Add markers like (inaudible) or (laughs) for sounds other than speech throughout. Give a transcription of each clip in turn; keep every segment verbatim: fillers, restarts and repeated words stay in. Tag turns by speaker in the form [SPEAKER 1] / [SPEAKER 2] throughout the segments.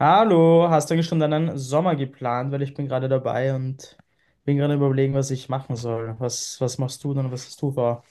[SPEAKER 1] Hallo, hast du eigentlich schon deinen Sommer geplant? Weil ich bin gerade dabei und bin gerade überlegen, was ich machen soll. Was, was machst du denn? Was hast du vor?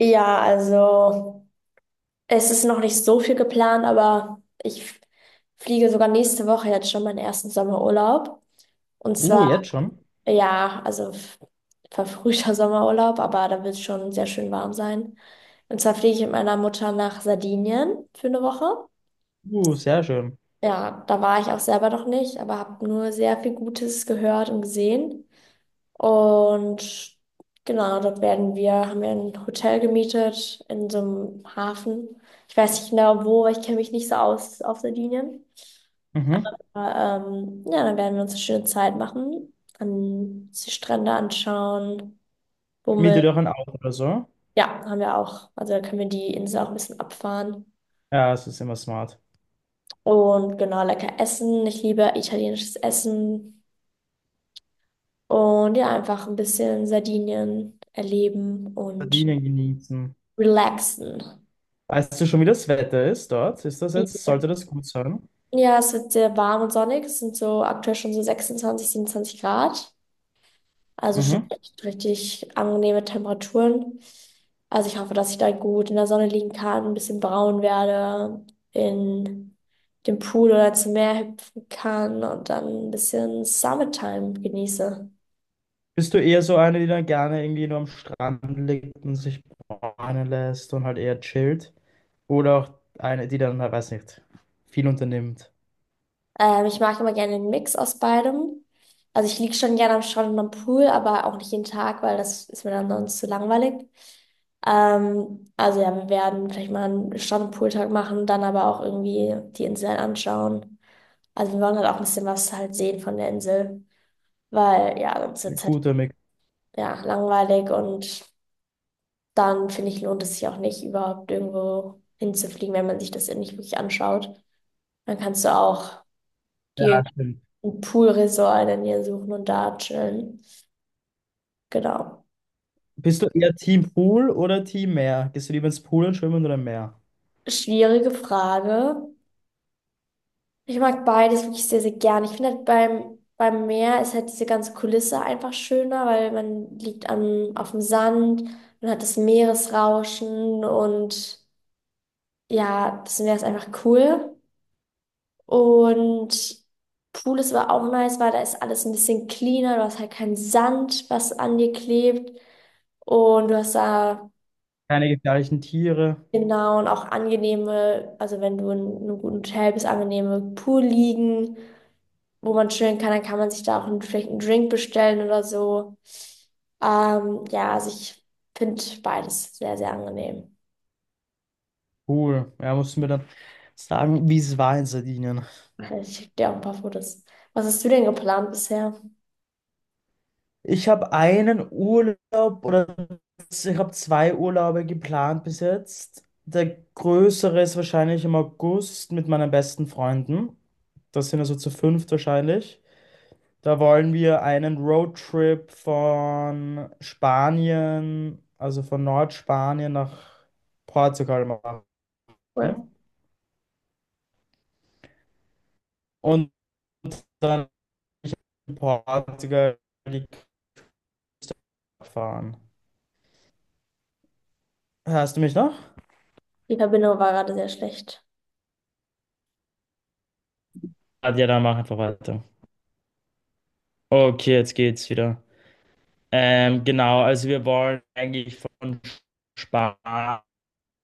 [SPEAKER 2] Ja, also es ist noch nicht so viel geplant, aber ich f- fliege sogar nächste Woche jetzt schon meinen ersten Sommerurlaub. Und
[SPEAKER 1] Uh,
[SPEAKER 2] zwar,
[SPEAKER 1] jetzt schon?
[SPEAKER 2] ja, also f- verfrühter (laughs) Sommerurlaub, aber da wird es schon sehr schön warm sein. Und zwar fliege ich mit meiner Mutter nach Sardinien für eine Woche.
[SPEAKER 1] Uh, sehr schön.
[SPEAKER 2] Ja, da war ich auch selber noch nicht, aber habe nur sehr viel Gutes gehört und gesehen. Und genau, dort werden wir, haben wir ein Hotel gemietet in so einem Hafen. Ich weiß nicht genau wo, weil ich kenne mich nicht so aus auf Sardinien.
[SPEAKER 1] Mhm.
[SPEAKER 2] Aber, ähm, ja, dann werden wir uns eine schöne Zeit machen, an die Strände anschauen, Bummel.
[SPEAKER 1] Miete dir auch ein Auto oder so?
[SPEAKER 2] Ja, haben wir auch. Also dann können wir die Insel auch ein bisschen abfahren.
[SPEAKER 1] Ja, es ist immer smart.
[SPEAKER 2] Und genau, lecker essen. Ich liebe italienisches Essen. Und ja, einfach ein bisschen Sardinien erleben und
[SPEAKER 1] Verdienen, genießen.
[SPEAKER 2] relaxen.
[SPEAKER 1] Weißt du schon, wie das Wetter ist dort? Ist das jetzt,
[SPEAKER 2] Ja.
[SPEAKER 1] sollte das gut sein?
[SPEAKER 2] Ja, es wird sehr warm und sonnig. Es sind so aktuell schon so sechsundzwanzig, siebenundzwanzig Grad. Also schon
[SPEAKER 1] Mhm.
[SPEAKER 2] echt richtig angenehme Temperaturen. Also ich hoffe, dass ich da gut in der Sonne liegen kann, ein bisschen braun werde, in dem Pool oder zum Meer hüpfen kann und dann ein bisschen Summertime genieße.
[SPEAKER 1] Bist du eher so eine, die dann gerne irgendwie nur am Strand liegt und sich bräunen lässt und halt eher chillt? Oder auch eine, die dann, na, weiß nicht, viel unternimmt?
[SPEAKER 2] Ähm, ich mag immer gerne den Mix aus beidem. Also ich liege schon gerne am Strand und am Pool, aber auch nicht jeden Tag, weil das ist mir dann sonst zu langweilig. Ähm, also ja, wir werden vielleicht mal einen Strand- und Pooltag machen, dann aber auch irgendwie die Insel anschauen. Also wir wollen halt auch ein bisschen was halt sehen von der Insel, weil ja, sonst wird es halt
[SPEAKER 1] Guter Mix.
[SPEAKER 2] ja, langweilig und dann finde ich, lohnt es sich auch nicht, überhaupt irgendwo hinzufliegen, wenn man sich das nicht wirklich anschaut. Dann kannst du auch dir
[SPEAKER 1] Stimmt.
[SPEAKER 2] ein Poolresort in der Nähe suchen und da chillen. Genau.
[SPEAKER 1] Bist du eher Team Pool oder Team Meer? Gehst du lieber ins Pool und schwimmen oder im Meer?
[SPEAKER 2] Schwierige Frage. Ich mag beides wirklich sehr, sehr gern. Ich finde halt beim, beim Meer ist halt diese ganze Kulisse einfach schöner, weil man liegt am, auf dem Sand, man hat das Meeresrauschen und ja, das Meer ist einfach cool. Und Pool ist aber auch nice, weil da ist alles ein bisschen cleaner, du hast halt keinen Sand, was an dir klebt. Und du hast da
[SPEAKER 1] Keine gefährlichen Tiere.
[SPEAKER 2] genau, und auch angenehme, also wenn du in einem guten Hotel bist, angenehme Poolliegen, wo man chillen kann, dann kann man sich da auch einen, vielleicht einen Drink bestellen oder so. Ähm, ja, also ich finde beides sehr, sehr angenehm.
[SPEAKER 1] Pool. Ja, musst du mir dann sagen, wie es war in Sardinien.
[SPEAKER 2] Ich schicke dir auch ein paar Fotos. Was hast du denn geplant bisher?
[SPEAKER 1] Ich habe einen Urlaub oder ich habe zwei Urlaube geplant bis jetzt. Der größere ist wahrscheinlich im August mit meinen besten Freunden. Das sind also zu fünft wahrscheinlich. Da wollen wir einen Roadtrip von Spanien, also von Nordspanien nach Portugal machen
[SPEAKER 2] Cool.
[SPEAKER 1] und dann in Portugal die Cup fahren. Hörst du mich noch?
[SPEAKER 2] Die Verbindung war gerade sehr schlecht.
[SPEAKER 1] Ah, ja, dann mach einfach weiter. Okay, jetzt geht's wieder. Ähm, genau, also wir wollen eigentlich von Spanien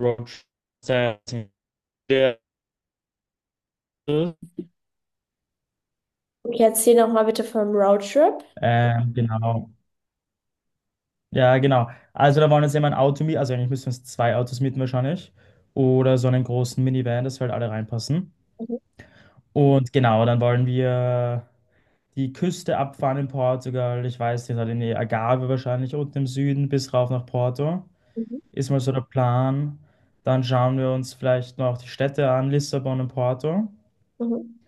[SPEAKER 1] Roadtrip.
[SPEAKER 2] Okay, erzähl noch mal bitte vom Roadtrip.
[SPEAKER 1] Ähm, genau. Ja, genau. Also da wollen jetzt immer ein Auto mieten, also eigentlich müssen wir uns zwei Autos mieten wahrscheinlich. Oder so einen großen Minivan, dass wir halt alle reinpassen.
[SPEAKER 2] Mhm,
[SPEAKER 1] Und genau, dann wollen wir die Küste abfahren in Portugal. Ich weiß nicht, halt in die Algarve wahrscheinlich unten im Süden bis rauf nach Porto.
[SPEAKER 2] mhm,
[SPEAKER 1] Ist mal so der Plan. Dann schauen wir uns vielleicht noch die Städte an, Lissabon und Porto.
[SPEAKER 2] mhm, mhm.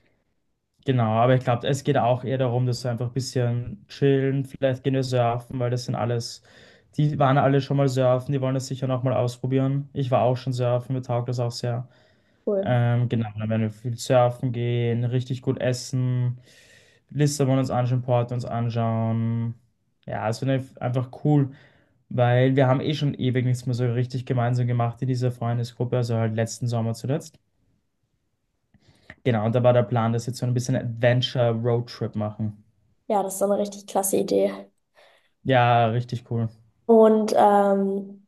[SPEAKER 1] Genau, aber ich glaube, es geht auch eher darum, dass wir einfach ein bisschen chillen, vielleicht gehen wir surfen, weil das sind alles, die waren alle schon mal surfen, die wollen das sicher noch mal ausprobieren. Ich war auch schon surfen, mir taugt das auch sehr.
[SPEAKER 2] Cool.
[SPEAKER 1] Ähm, genau, dann werden wir viel surfen gehen, richtig gut essen, Lissabon uns anschauen, Porto uns anschauen. Ja, es wird einfach cool, weil wir haben eh schon ewig nichts mehr so richtig gemeinsam gemacht in dieser Freundesgruppe, also halt letzten Sommer zuletzt. Genau, und da war der Plan, dass wir jetzt so ein bisschen Adventure-Roadtrip machen.
[SPEAKER 2] Ja, das ist doch eine richtig klasse Idee.
[SPEAKER 1] Ja, richtig cool.
[SPEAKER 2] Und ähm,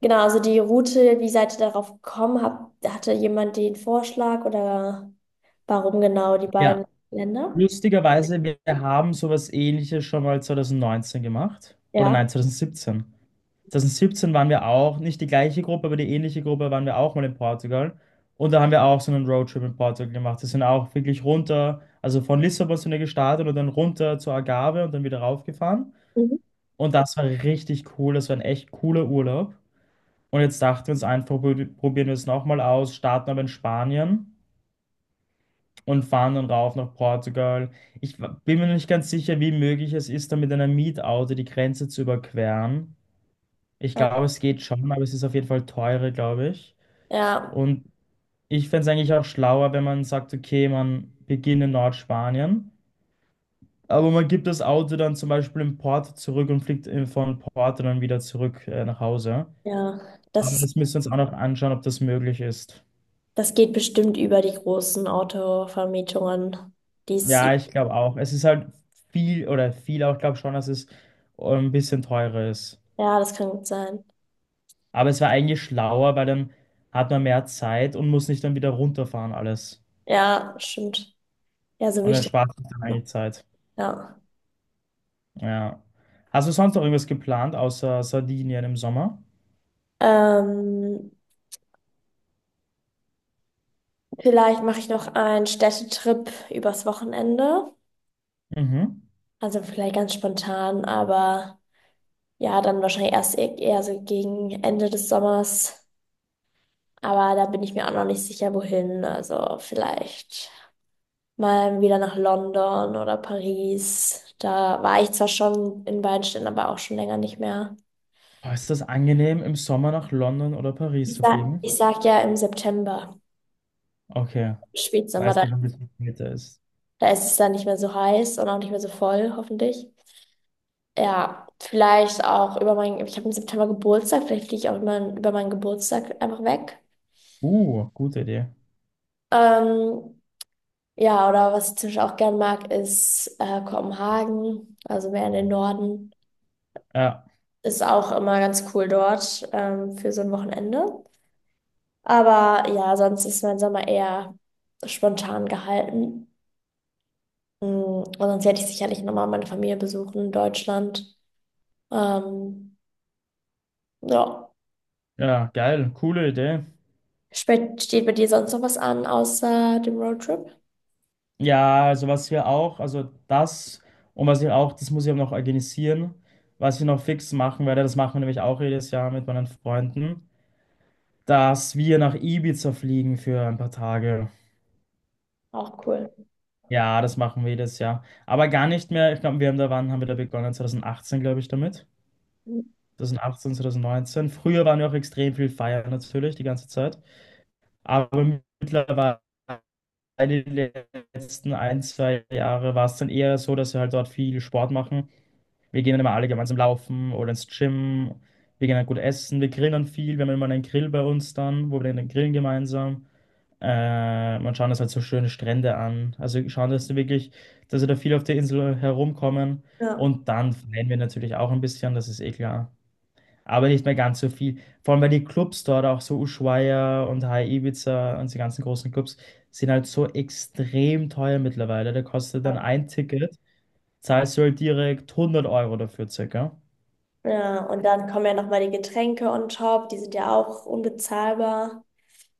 [SPEAKER 2] genau, also die Route, wie seid ihr darauf gekommen? Hab, hatte jemand den Vorschlag oder warum genau die beiden
[SPEAKER 1] Ja,
[SPEAKER 2] Länder?
[SPEAKER 1] lustigerweise, wir haben sowas Ähnliches schon mal zwanzig neunzehn gemacht. Oder
[SPEAKER 2] Ja.
[SPEAKER 1] nein, zwanzig siebzehn. zweitausendsiebzehn waren wir auch, nicht die gleiche Gruppe, aber die ähnliche Gruppe waren wir auch mal in Portugal. Und da haben wir auch so einen Roadtrip in Portugal gemacht. Wir sind auch wirklich runter, also von Lissabon sind wir gestartet und dann runter zur Algarve und dann wieder raufgefahren.
[SPEAKER 2] Mhm.
[SPEAKER 1] Und das war richtig cool. Das war ein echt cooler Urlaub. Und jetzt dachten wir uns einfach, probi- probieren wir es nochmal aus, starten aber in Spanien. Und fahren dann rauf nach Portugal. Ich wa- bin mir nicht ganz sicher, wie möglich es ist, da mit einem Mietauto die Grenze zu überqueren. Ich
[SPEAKER 2] Äh,
[SPEAKER 1] glaube, es geht schon, aber es ist auf jeden Fall teurer, glaube ich.
[SPEAKER 2] Ja,
[SPEAKER 1] Und ich fände es eigentlich auch schlauer, wenn man sagt, okay, man beginnt in Nordspanien, aber man gibt das Auto dann zum Beispiel in Porto zurück und fliegt in- von Porto dann wieder zurück, äh, nach Hause.
[SPEAKER 2] ja,
[SPEAKER 1] Aber
[SPEAKER 2] das,
[SPEAKER 1] das müssen wir uns auch noch anschauen, ob das möglich ist.
[SPEAKER 2] das geht bestimmt über die großen Autovermietungen. Dies,
[SPEAKER 1] Ja, ich glaube auch. Es ist halt viel oder viel auch, glaube schon, dass es ähm, ein bisschen teurer ist.
[SPEAKER 2] ja, das kann gut sein.
[SPEAKER 1] Aber es war eigentlich schlauer, weil dann hat man mehr Zeit und muss nicht dann wieder runterfahren alles.
[SPEAKER 2] Ja, stimmt. Ja, so will
[SPEAKER 1] Und
[SPEAKER 2] ich das
[SPEAKER 1] erspart sich dann
[SPEAKER 2] noch.
[SPEAKER 1] eigentlich Zeit.
[SPEAKER 2] Ja.
[SPEAKER 1] Ja. Hast du sonst noch irgendwas geplant, außer Sardinien im Sommer?
[SPEAKER 2] Ähm, Vielleicht mache ich noch einen Städtetrip übers Wochenende.
[SPEAKER 1] Mhm.
[SPEAKER 2] Also vielleicht ganz spontan, aber ja, dann wahrscheinlich erst e- eher so gegen Ende des Sommers. Aber da bin ich mir auch noch nicht sicher, wohin. Also vielleicht mal wieder nach London oder Paris. Da war ich zwar schon in beiden Städten, aber auch schon länger nicht mehr.
[SPEAKER 1] Boah, ist das angenehm, im Sommer nach London oder Paris
[SPEAKER 2] Ich
[SPEAKER 1] zu
[SPEAKER 2] sag,
[SPEAKER 1] fliegen?
[SPEAKER 2] ich sag ja im September,
[SPEAKER 1] Okay. Weil
[SPEAKER 2] Spätsommer,
[SPEAKER 1] es
[SPEAKER 2] da
[SPEAKER 1] dann ein bisschen später ist.
[SPEAKER 2] da ist es dann nicht mehr so heiß und auch nicht mehr so voll, hoffentlich. Ja, vielleicht auch über meinen, ich habe im September Geburtstag, vielleicht fliege ich auch immer über meinen Geburtstag einfach weg.
[SPEAKER 1] Uh, gute Idee.
[SPEAKER 2] Ähm, ja, oder was ich zum Beispiel auch gern mag, ist äh, Kopenhagen, also mehr in den Norden.
[SPEAKER 1] Ja,
[SPEAKER 2] Ist auch immer ganz cool dort ähm, für so ein Wochenende. Aber ja, sonst ist mein Sommer eher spontan gehalten. Mm, und sonst hätte ich sicherlich nochmal meine Familie besuchen in Deutschland. Ähm, ja.
[SPEAKER 1] ja, geil, coole Idee.
[SPEAKER 2] Spe- Steht bei dir sonst noch was an, außer dem Roadtrip?
[SPEAKER 1] Ja, also was wir auch, also das und was ich auch, das muss ich auch noch organisieren, was ich noch fix machen werde, das machen wir nämlich auch jedes Jahr mit meinen Freunden, dass wir nach Ibiza fliegen für ein paar Tage.
[SPEAKER 2] Auch cool.
[SPEAKER 1] Ja, das machen wir jedes Jahr. Aber gar nicht mehr, ich glaube, wir haben da, wann haben wir da begonnen? zwanzig achtzehn, glaube ich, damit. zwanzig achtzehn, zwanzig neunzehn. Früher waren wir auch extrem viel feiern natürlich, die ganze Zeit. Aber mittlerweile, die letzten ein, zwei Jahre, war es dann eher so, dass wir halt dort viel Sport machen. Wir gehen dann immer alle gemeinsam laufen oder ins Gym. Wir gehen dann gut essen. Wir grillen viel. Wir haben immer einen Grill bei uns dann, wo wir dann grillen gemeinsam. Äh, man schaut uns halt so schöne Strände an. Also wir schauen, dass wir wirklich, dass wir da viel auf der Insel herumkommen.
[SPEAKER 2] Ja.
[SPEAKER 1] Und dann feiern wir natürlich auch ein bisschen, das ist eh klar. Aber nicht mehr ganz so viel. Vor allem, weil die Clubs dort, auch so Ushuaia und High Ibiza und die ganzen großen Clubs, sind halt so extrem teuer mittlerweile. Da kostet dann
[SPEAKER 2] Ja,
[SPEAKER 1] ein Ticket, zahlst du halt direkt hundert Euro dafür circa.
[SPEAKER 2] ja, und dann kommen ja nochmal die Getränke on top, die sind ja auch unbezahlbar.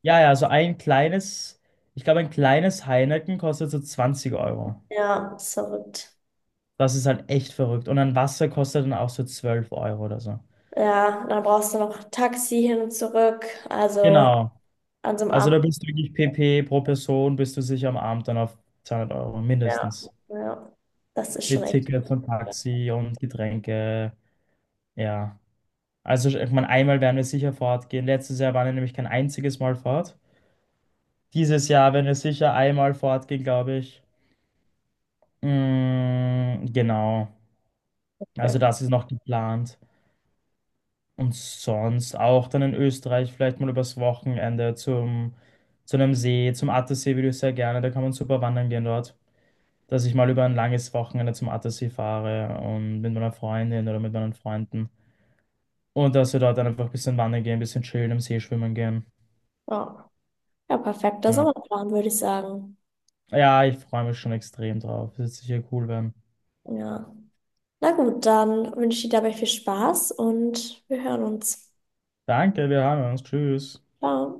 [SPEAKER 1] Ja, ja, so ein kleines, ich glaube, ein kleines Heineken kostet so zwanzig Euro.
[SPEAKER 2] Ja, ist verrückt.
[SPEAKER 1] Das ist halt echt verrückt. Und ein Wasser kostet dann auch so zwölf Euro oder so.
[SPEAKER 2] Ja, dann brauchst du noch Taxi hin und zurück. Also
[SPEAKER 1] Genau.
[SPEAKER 2] an so einem
[SPEAKER 1] Also
[SPEAKER 2] Abend,
[SPEAKER 1] da bist du wirklich PP pro Person, bist du sicher am Abend dann auf zweihundert Euro
[SPEAKER 2] ja,
[SPEAKER 1] mindestens.
[SPEAKER 2] ja, das ist schon
[SPEAKER 1] Mit
[SPEAKER 2] echt.
[SPEAKER 1] Tickets und Taxi und Getränke. Ja. Also ich meine, einmal werden wir sicher fortgehen. Letztes Jahr waren wir nämlich kein einziges Mal fort. Dieses Jahr werden wir sicher einmal fortgehen, glaube ich. Mm, genau. Also
[SPEAKER 2] Ja.
[SPEAKER 1] das ist noch geplant. Und sonst auch dann in Österreich vielleicht mal übers Wochenende zum, zu einem See, zum Attersee würde ich sehr gerne. Da kann man super wandern gehen dort. Dass ich mal über ein langes Wochenende zum Attersee fahre und mit meiner Freundin oder mit meinen Freunden. Und dass wir dort dann einfach ein bisschen wandern gehen, ein bisschen chillen, im See schwimmen gehen.
[SPEAKER 2] Ja. Ja, perfekter
[SPEAKER 1] Ja,
[SPEAKER 2] Sommerplan, würde ich sagen.
[SPEAKER 1] ja ich freue mich schon extrem drauf. Es wird sicher cool werden.
[SPEAKER 2] Ja. Na gut, dann wünsche ich dir dabei viel Spaß und wir hören uns.
[SPEAKER 1] Danke, wir haben uns. Tschüss.
[SPEAKER 2] Ciao.